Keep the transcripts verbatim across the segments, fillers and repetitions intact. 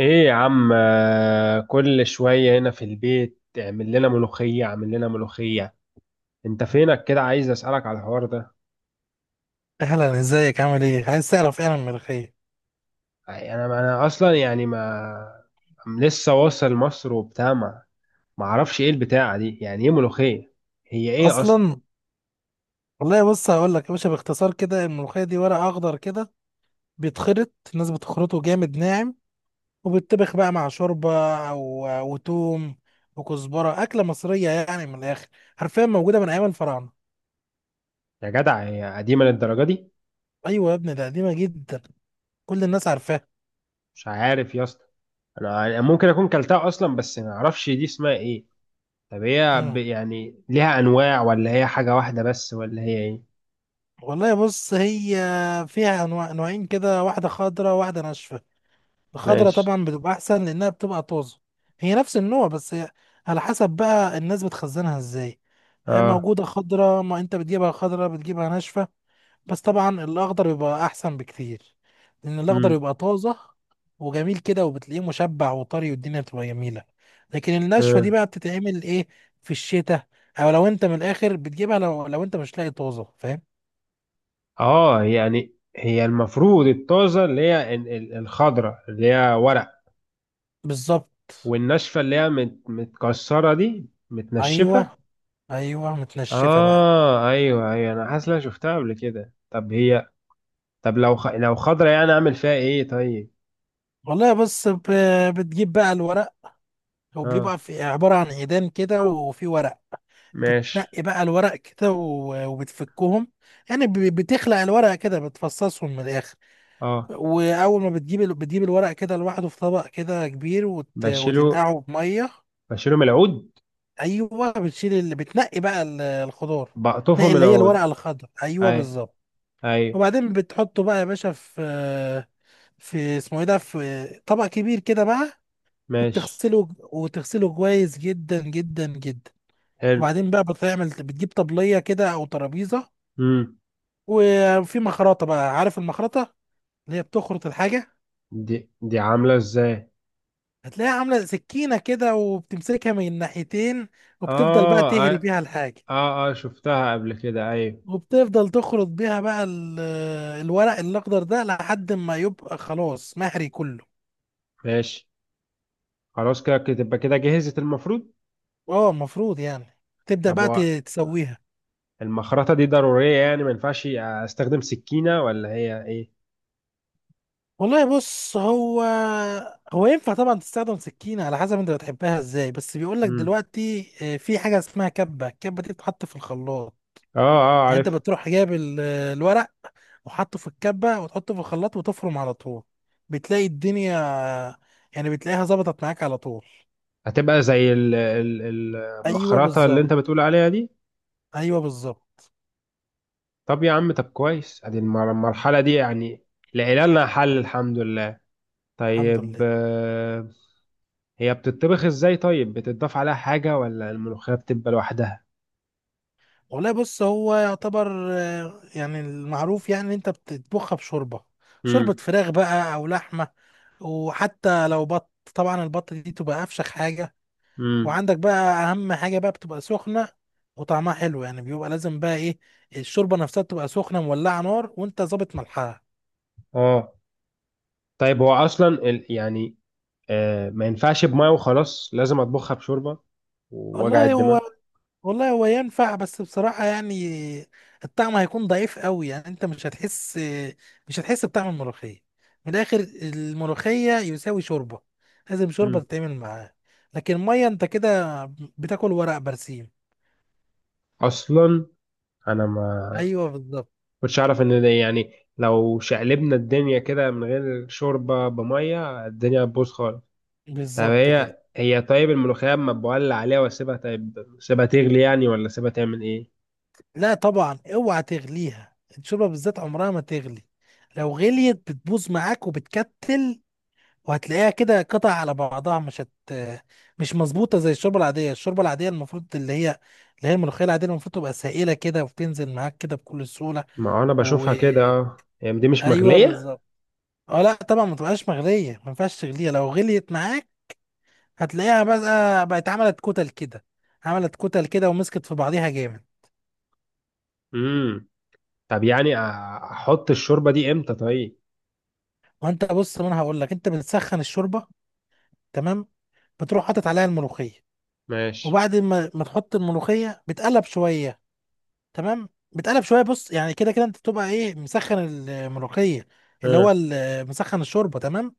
ايه يا عم، آه، كل شوية هنا في البيت اعمل لنا ملوخية اعمل لنا ملوخية. انت فينك كده؟ عايز اسألك على الحوار ده. اهلا، ازيك؟ عامل ايه؟ عايز تعرف ايه عن الملوخيه يعني انا انا اصلا، يعني ما... أم لسه واصل مصر وبتاع، ما ما اعرفش ايه البتاعة دي، يعني ايه ملوخية؟ هي ايه اصلا؟ اصلا؟ والله بص هقول لك يا باشا، باختصار كده الملوخيه دي ورق اخضر كده، بيتخرط، الناس بتخرطه جامد ناعم، وبيتطبخ بقى مع شوربه او وتوم وكزبره. اكله مصريه يعني من الاخر، حرفيا موجوده من ايام الفراعنه. يا جدع، هي قديمة للدرجة دي؟ ايوه يا ابني، ده قديمه جدا، كل الناس عارفاها. مش عارف يا اسطى. انا أنا ممكن اكون كلتها اصلا، بس ما اعرفش دي اسمها ايه. طب هي ب- امم يعني ليها انواع، ولا هي حاجة واحدة بس، ولا هي ايه؟ والله بص، هي فيها انواع، نوعين كده، واحده خضراء واحده ناشفه. الخضرة ماشي. طبعا بتبقى احسن لانها بتبقى طازة. هي نفس النوع بس هي على حسب بقى الناس بتخزنها ازاي. هي اه. موجودة خضرة، ما انت بتجيبها خضرة بتجيبها ناشفة. بس طبعا الاخضر بيبقى احسن بكتير، لان الاخضر بيبقى طازة وجميل كده، وبتلاقيه مشبع وطري، والدنيا بتبقى جميلة. لكن الناشفة دي امم. بقى بتتعمل ايه؟ في الشتاء، او لو انت من الاخر بتجيبها لو لو انت مش لاقي طازة، فاهم. اه، يعني هي المفروض الطازة اللي هي ال- ال- الخضرة اللي هي ورق. بالظبط. والناشفة اللي هي مت- متكسرة دي متنشفة. ايوه، ايوه متنشفة بقى. اه، ايوه ايوه، انا حاسس إن أنا شفتها قبل كده. طب هي... طب لو خ... لو خضرة، يعني اعمل فيها ايه طيب؟ والله بص، ب- بتجيب بقى الورق. هو اه. بيبقى في عبارة عن عيدان كده وفي ورق. ماشي. بتنقي بقى الورق كده و- وبتفكهم، يعني ب- بتخلق الورق كده، بتفصصهم من الآخر. اه. وأول ما بتجيب ال- بتجيب الورق كده لوحده في طبق كده كبير، وت... بشيله. وتنقعه بمية. بشيله من العود. أيوه بتشيل، اللي بتنقي بقى ال- الخضار، بقطفه تنقي من اللي هي العود. الورقة الخضراء. أيوه اي. بالظبط. اي. وبعدين بتحطه بقى يا باشا في، في اسمه ايه ده، في طبق كبير كده بقى، ماشي. وبتغسله، وتغسله كويس جدا جدا جدا. حلو. وبعدين بقى بتعمل، بتجيب طبلية كده أو ترابيزة، امم. وفي مخرطة بقى، عارف المخرطة اللي هي بتخرط الحاجة؟ دي دي عاملة ازاي؟ هتلاقيها عاملة سكينة كده وبتمسكها من الناحيتين، وبتفضل بقى اه، تهري اه. بيها الحاجة، اه، آه شفتها قبل كده، ايوه. وبتفضل تخرط بيها بقى ال- الورق الأخضر ده لحد ما يبقى خلاص مهري كله. ماشي. خلاص، كده كده- تبقى كده جهزت المفروض. اه المفروض يعني تبدأ طب بقى ت- هو... تسويها. المخرطة دي ضرورية؟ يعني ما ينفعش استخدم سكينة، ولا هي ايه؟ والله بص هو، هو ينفع طبعا تستخدم سكينة على حسب انت بتحبها ازاي، بس بيقول لك مم. دلوقتي آه، في حاجة اسمها كبة، الكبة دي بتتحط في الخلاط. اه، اه، يعني انت عارف. بتروح جايب ال- الورق وحطه في الكبة وتحطه في الخلاط وتفرم على طول. بتلاقي الدنيا، يعني بتلاقيها ظبطت معاك على طول. هتبقى زي ال- ال- ال- ايوه المخرطة اللي انت بالظبط، بتقول عليها دي. ايوه بالظبط. طب يا عم، طب كويس، ادي المر- المرحلة دي يعني لنا حل الحمد لله. الحمد طيب، لله. آه، هي بتطبخ ازاي طيب؟ بتضاف عليها حاجة ولا الملوخية بتبقى لوحدها؟ والله بص، هو يعتبر آه، يعني المعروف يعني إن انت بتطبخها بشوربة، شوربة امم. فراخ بقى او لحمة، وحتى لو بط، طبعا البط دي تبقى افشخ حاجة. امم. وعندك بقى، اهم حاجة بقى بتبقى سخنة وطعمها حلو، يعني بيبقى لازم بقى ايه، الشوربة نفسها تبقى سخنة مولعة نار، وانت ظابط ملحها. اه. طيب هو اصلا ال- يعني، آه، ما ينفعش بمية وخلاص لازم اطبخها بشوربة ووجع والله الدماغ؟ هو، والله هو ينفع، بس بصراحة يعني الطعم هيكون ضعيف قوي، يعني انت مش هتحس، مش هتحس بطعم الملوخية. من الآخر الملوخية يساوي شوربة، لازم شوربة مم. تتعمل معاه. لكن مية انت كده بتاكل ورق برسيم. اصلا انا ما ايوه بالظبط. كنتش اعرف ان ده، يعني لو شقلبنا الدنيا كده من غير شوربة بمية، الدنيا هتبوظ خالص. طب بالظبط كده. هي هي طيب، الملوخية اما بولع عليها واسيبها طيب، سيبها تغلي يعني ولا سيبها تعمل ايه؟ لا طبعا اوعى تغليها، الشوربة بالذات عمرها ما تغلي، لو غليت بتبوظ معاك وبتكتل، وهتلاقيها كده قطع على بعضها، مش هت مش مظبوطه زي الشوربه العاديه. الشوربه العاديه المفروض، اللي هي اللي هي الملوخيه العاديه، المفروض تبقى سائله كده وبتنزل معاك كده بكل سهوله. ما انا و بشوفها كده، اه، هي دي مش ايوه مغلية. بالظبط. اه لا طبعا ما تبقاش مغليه، ما ينفعش تغليها، لو غليت معاك هتلاقيها بقى بقت عملت كتل كده، عملت كتل كده ومسكت في بعضيها جامد. امم. طب يعني أ- احط الشوربة دي امتى طيب؟ وانت بص، ما انا هقول لك، انت بتسخن الشوربه، تمام، بتروح حاطط عليها الملوخيه، ماشي. وبعد ما ما تحط الملوخيه بتقلب شويه، تمام بتقلب شويه. بص يعني كده كده انت بتبقى ايه، مسخن الملوخيه، اللي هو ها. ال- مسخن الشوربه، تمام.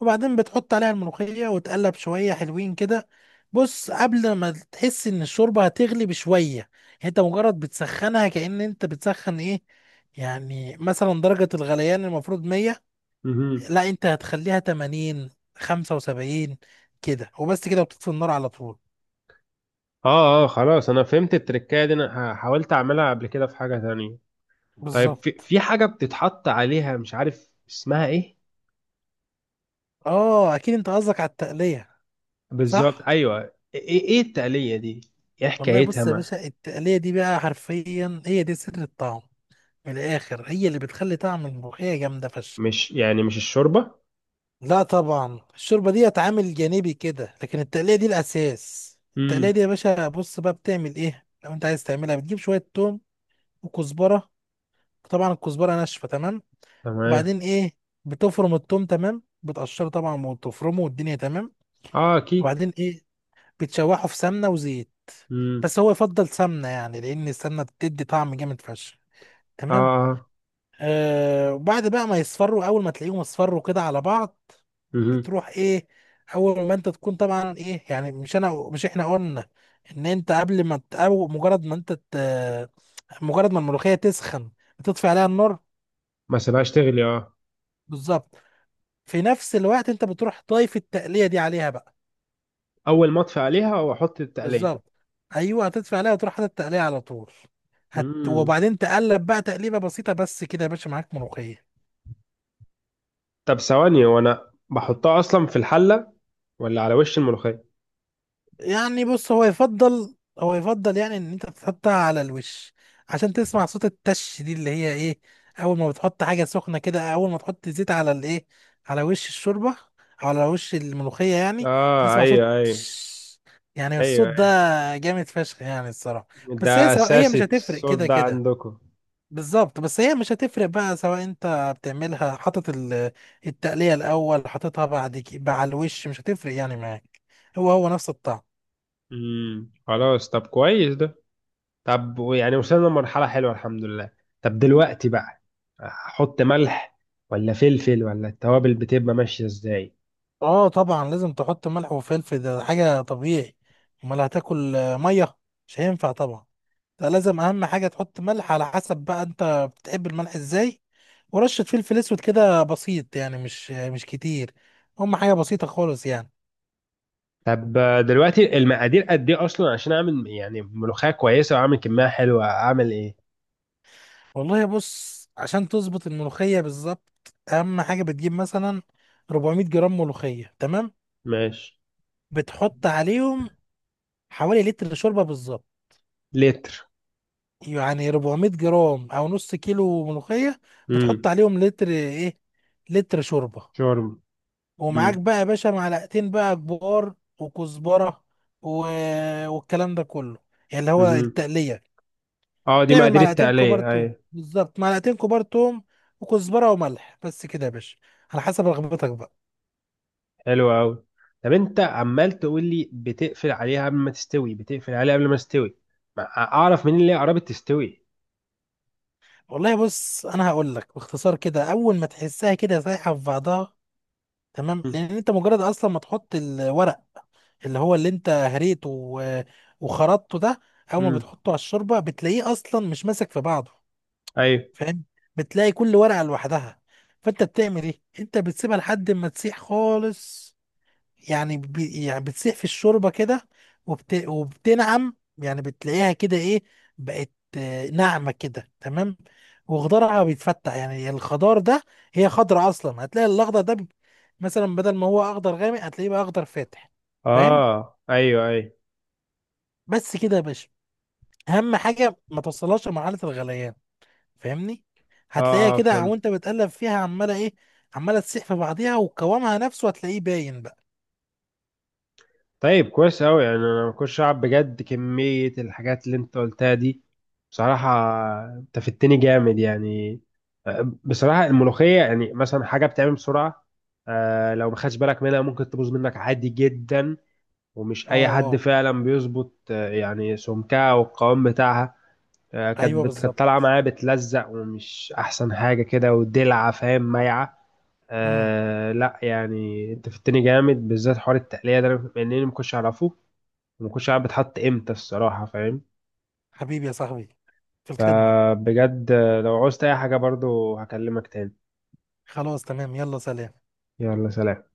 وبعدين بتحط عليها الملوخيه وتقلب شويه حلوين كده. بص قبل ما تحس ان الشوربه هتغلي بشويه، يعني انت مجرد بتسخنها، كأن انت بتسخن ايه، يعني مثلا درجه الغليان المفروض مية، امم. لا انت هتخليها تمانين، خمسة وسبعين كده وبس، كده وبتطفي النار على طول. اه، اه، خلاص انا فهمت التركايه دي. انا ح- حاولت اعملها قبل كده في حاجه تانية. طيب في بالظبط. في حاجه بتتحط عليها مش عارف اسمها ايه. اه اكيد انت قصدك على التقليه؟ بالظبط، صح. ايوه. ايه؟ ايه التقليه دي؟ ايه والله حكايتها؟ بص يا ما... باشا، التقلية دي بقى حرفيا هي دي سر الطعم. من الآخر هي اللي بتخلي طعم الملوخية جامدة فشخ. مش، يعني مش الشوربه؟ لا طبعا الشوربة دي عامل جانبي كده، لكن التقلية دي الأساس. التقلية دي امم. يا باشا، بص بقى بتعمل إيه لو أنت عايز تعملها. بتجيب شوية توم وكزبرة، طبعا الكزبرة ناشفة، تمام. تمام. وبعدين إيه، بتفرم التوم، تمام بتقشره طبعا وتفرمه والدنيا تمام. اه، اكيد. وبعدين إيه، بتشوحه في سمنة وزيت، امم. بس هو يفضل سمنة يعني، لأن السمنة بتدي طعم جامد فشخ، اه، تمام. اه. آه وبعد بقى ما يصفروا، اول ما تلاقيهم اصفروا كده على بعض، مهم. بتروح ايه، اول ما انت تكون طبعا ايه يعني، مش انا، مش احنا قلنا ان انت قبل ما ت- او مجرد ما انت ت- مجرد ما الملوخيه تسخن بتطفي عليها النار. ما سيبهاش تغلي، اه. بالظبط. في نفس الوقت انت بتروح ضايف التقليه دي عليها بقى. اول ما اطفي عليها واحط التقليه. بالظبط، ايوه هتطفي عليها وتروح حاطط التقليه على طول. هت... امم. وبعدين تقلب بقى تقليبه بسيطه بس كده يا باشا، معاك ملوخيه. طب ثواني، وانا بحطها اصلا في الحله، ولا على وش الملوخيه؟ يعني بص، هو يفضل، هو يفضل يعني ان انت تحطها على الوش، عشان تسمع صوت التش دي اللي هي ايه. اول ما بتحط حاجه سخنه كده، اول ما تحط زيت على الايه، على وش الشوربه او على وش الملوخيه يعني، اه، هتسمع صوت ايوه ايوه تش، يعني الصوت ايوه. ده جامد فشخ يعني الصراحه. ده بس هي سواء، هي اساسي مش هتفرق الصوت كده ده كده. عندكم؟ بالظبط بس هي مش هتفرق بقى، سواء انت بتعملها حاطط ال- التقليه الاول، حاططها بعد كده على الوش، مش هتفرق يعني معاك، هو هو نفس الطعم. امم، خلاص طب كويس ده. طب يعني وصلنا لمرحلة حلوة الحمد لله. طب دلوقتي بقى، احط ملح ولا فلفل، ولا التوابل بتبقى ماشية ازاي؟ اه طبعا لازم تحط ملح وفلفل، ده حاجة طبيعي، امال هتاكل آه، مية؟ مش هينفع طبعا. ده لازم، اهم حاجة تحط ملح، على حسب بقى انت بتحب الملح ازاي، ورشة فلفل اسود كده بسيط، يعني مش آه، مش كتير، هم حاجة بسيطة خالص يعني. طب دلوقتي المقادير قد ايه اصلا، عشان اعمل يعني ملوخية كويسة واعمل كمية حلوة، اعمل ايه؟ والله بص، عشان تظبط الملوخية بالظبط، اهم حاجة بتجيب مثلا اربعمئة جرام ملوخية، تمام، ماشي. بتحط عليهم حوالي لتر شوربة بالظبط. لتر؟ يعني اربعمية جرام او نص كيلو ملوخيه، بتحط امم. عليهم لتر ايه، لتر شوربه. شرب. ومعاك امم. بقى يا باشا معلقتين بقى كبار، وكزبره و... والكلام ده كله، يعني اللي هو أمم. التقليه. اه، دي تعمل مقادير معلقتين كبار التقلية توم، اي؟ بالظبط معلقتين كبار توم، وكزبره وملح، بس كده يا باشا، على حسب رغبتك بقى. حلو قوي. طب انت عمال تقول لي: بتقفل عليها قبل ما تستوي، بتقفل عليها قبل ما تستوي. ما اعرف منين اللي هي قربت تستوي. والله بص انا هقول لك باختصار كده، اول ما تحسها كده سايحه في بعضها، تمام. لان انت مجرد اصلا ما تحط الورق، اللي هو اللي انت هريته و- وخرطته ده، اول ما امم. بتحطه على الشوربه بتلاقيه اصلا مش ماسك في بعضه، ايوه. فاهم. بتلاقي كل ورقه لوحدها. فانت بتعمل ايه، انت بتسيبها لحد ما تسيح خالص، يعني بي يعني بتسيح في الشوربه كده، وبت وبتنعم، يعني بتلاقيها كده ايه، بقت آه، ناعمه كده، تمام. وخضارها بيتفتح، يعني الخضار ده، هي خضرة اصلا، هتلاقي الاخضر ده بي- مثلا بدل ما هو اخضر غامق هتلاقيه بقى اخضر فاتح. فاهم. اه، ايوه ايوه. بس كده يا باشا، اهم حاجه ما توصلهاش لمرحله الغليان، فاهمني. هتلاقيها اه، اه، كده فهمت. وانت بتقلب فيها عماله ايه، عماله تسيح في بعضيها وقوامها نفسه هتلاقيه باين بقى. طيب كويس قوي، يعني انا ما كنتش اعرف بجد كمية الحاجات اللي انت قلتها دي. بصراحة، انت فدتني جامد يعني. آه، بصراحة الملوخية، يعني مثلا حاجة بتعمل بسرعة. آه لو ما خدش بالك منها ممكن تبوظ منك عادي جدا. ومش اه اي حد اه. فعلا بيظبط، آه، يعني سمكها والقوام بتاعها. آه، كانت ايوه بت- بالظبط. كانت طالعه معايا بتلزق، ومش احسن حاجه كده ودلعه فاهم، مايعه. امم آه لا يعني انت فدتني جامد بالذات حوار التقليه ده، أنا- لان انا ما كنتش اعرفه. وما كنتش عارف بتحط امتى الصراحه، فاهم. حبيبي يا صاحبي، في الخدمه. فبجد، آه، لو عوزت اي حاجه برضو هكلمك تاني. خلاص تمام، يلا سلام. يلا سلام.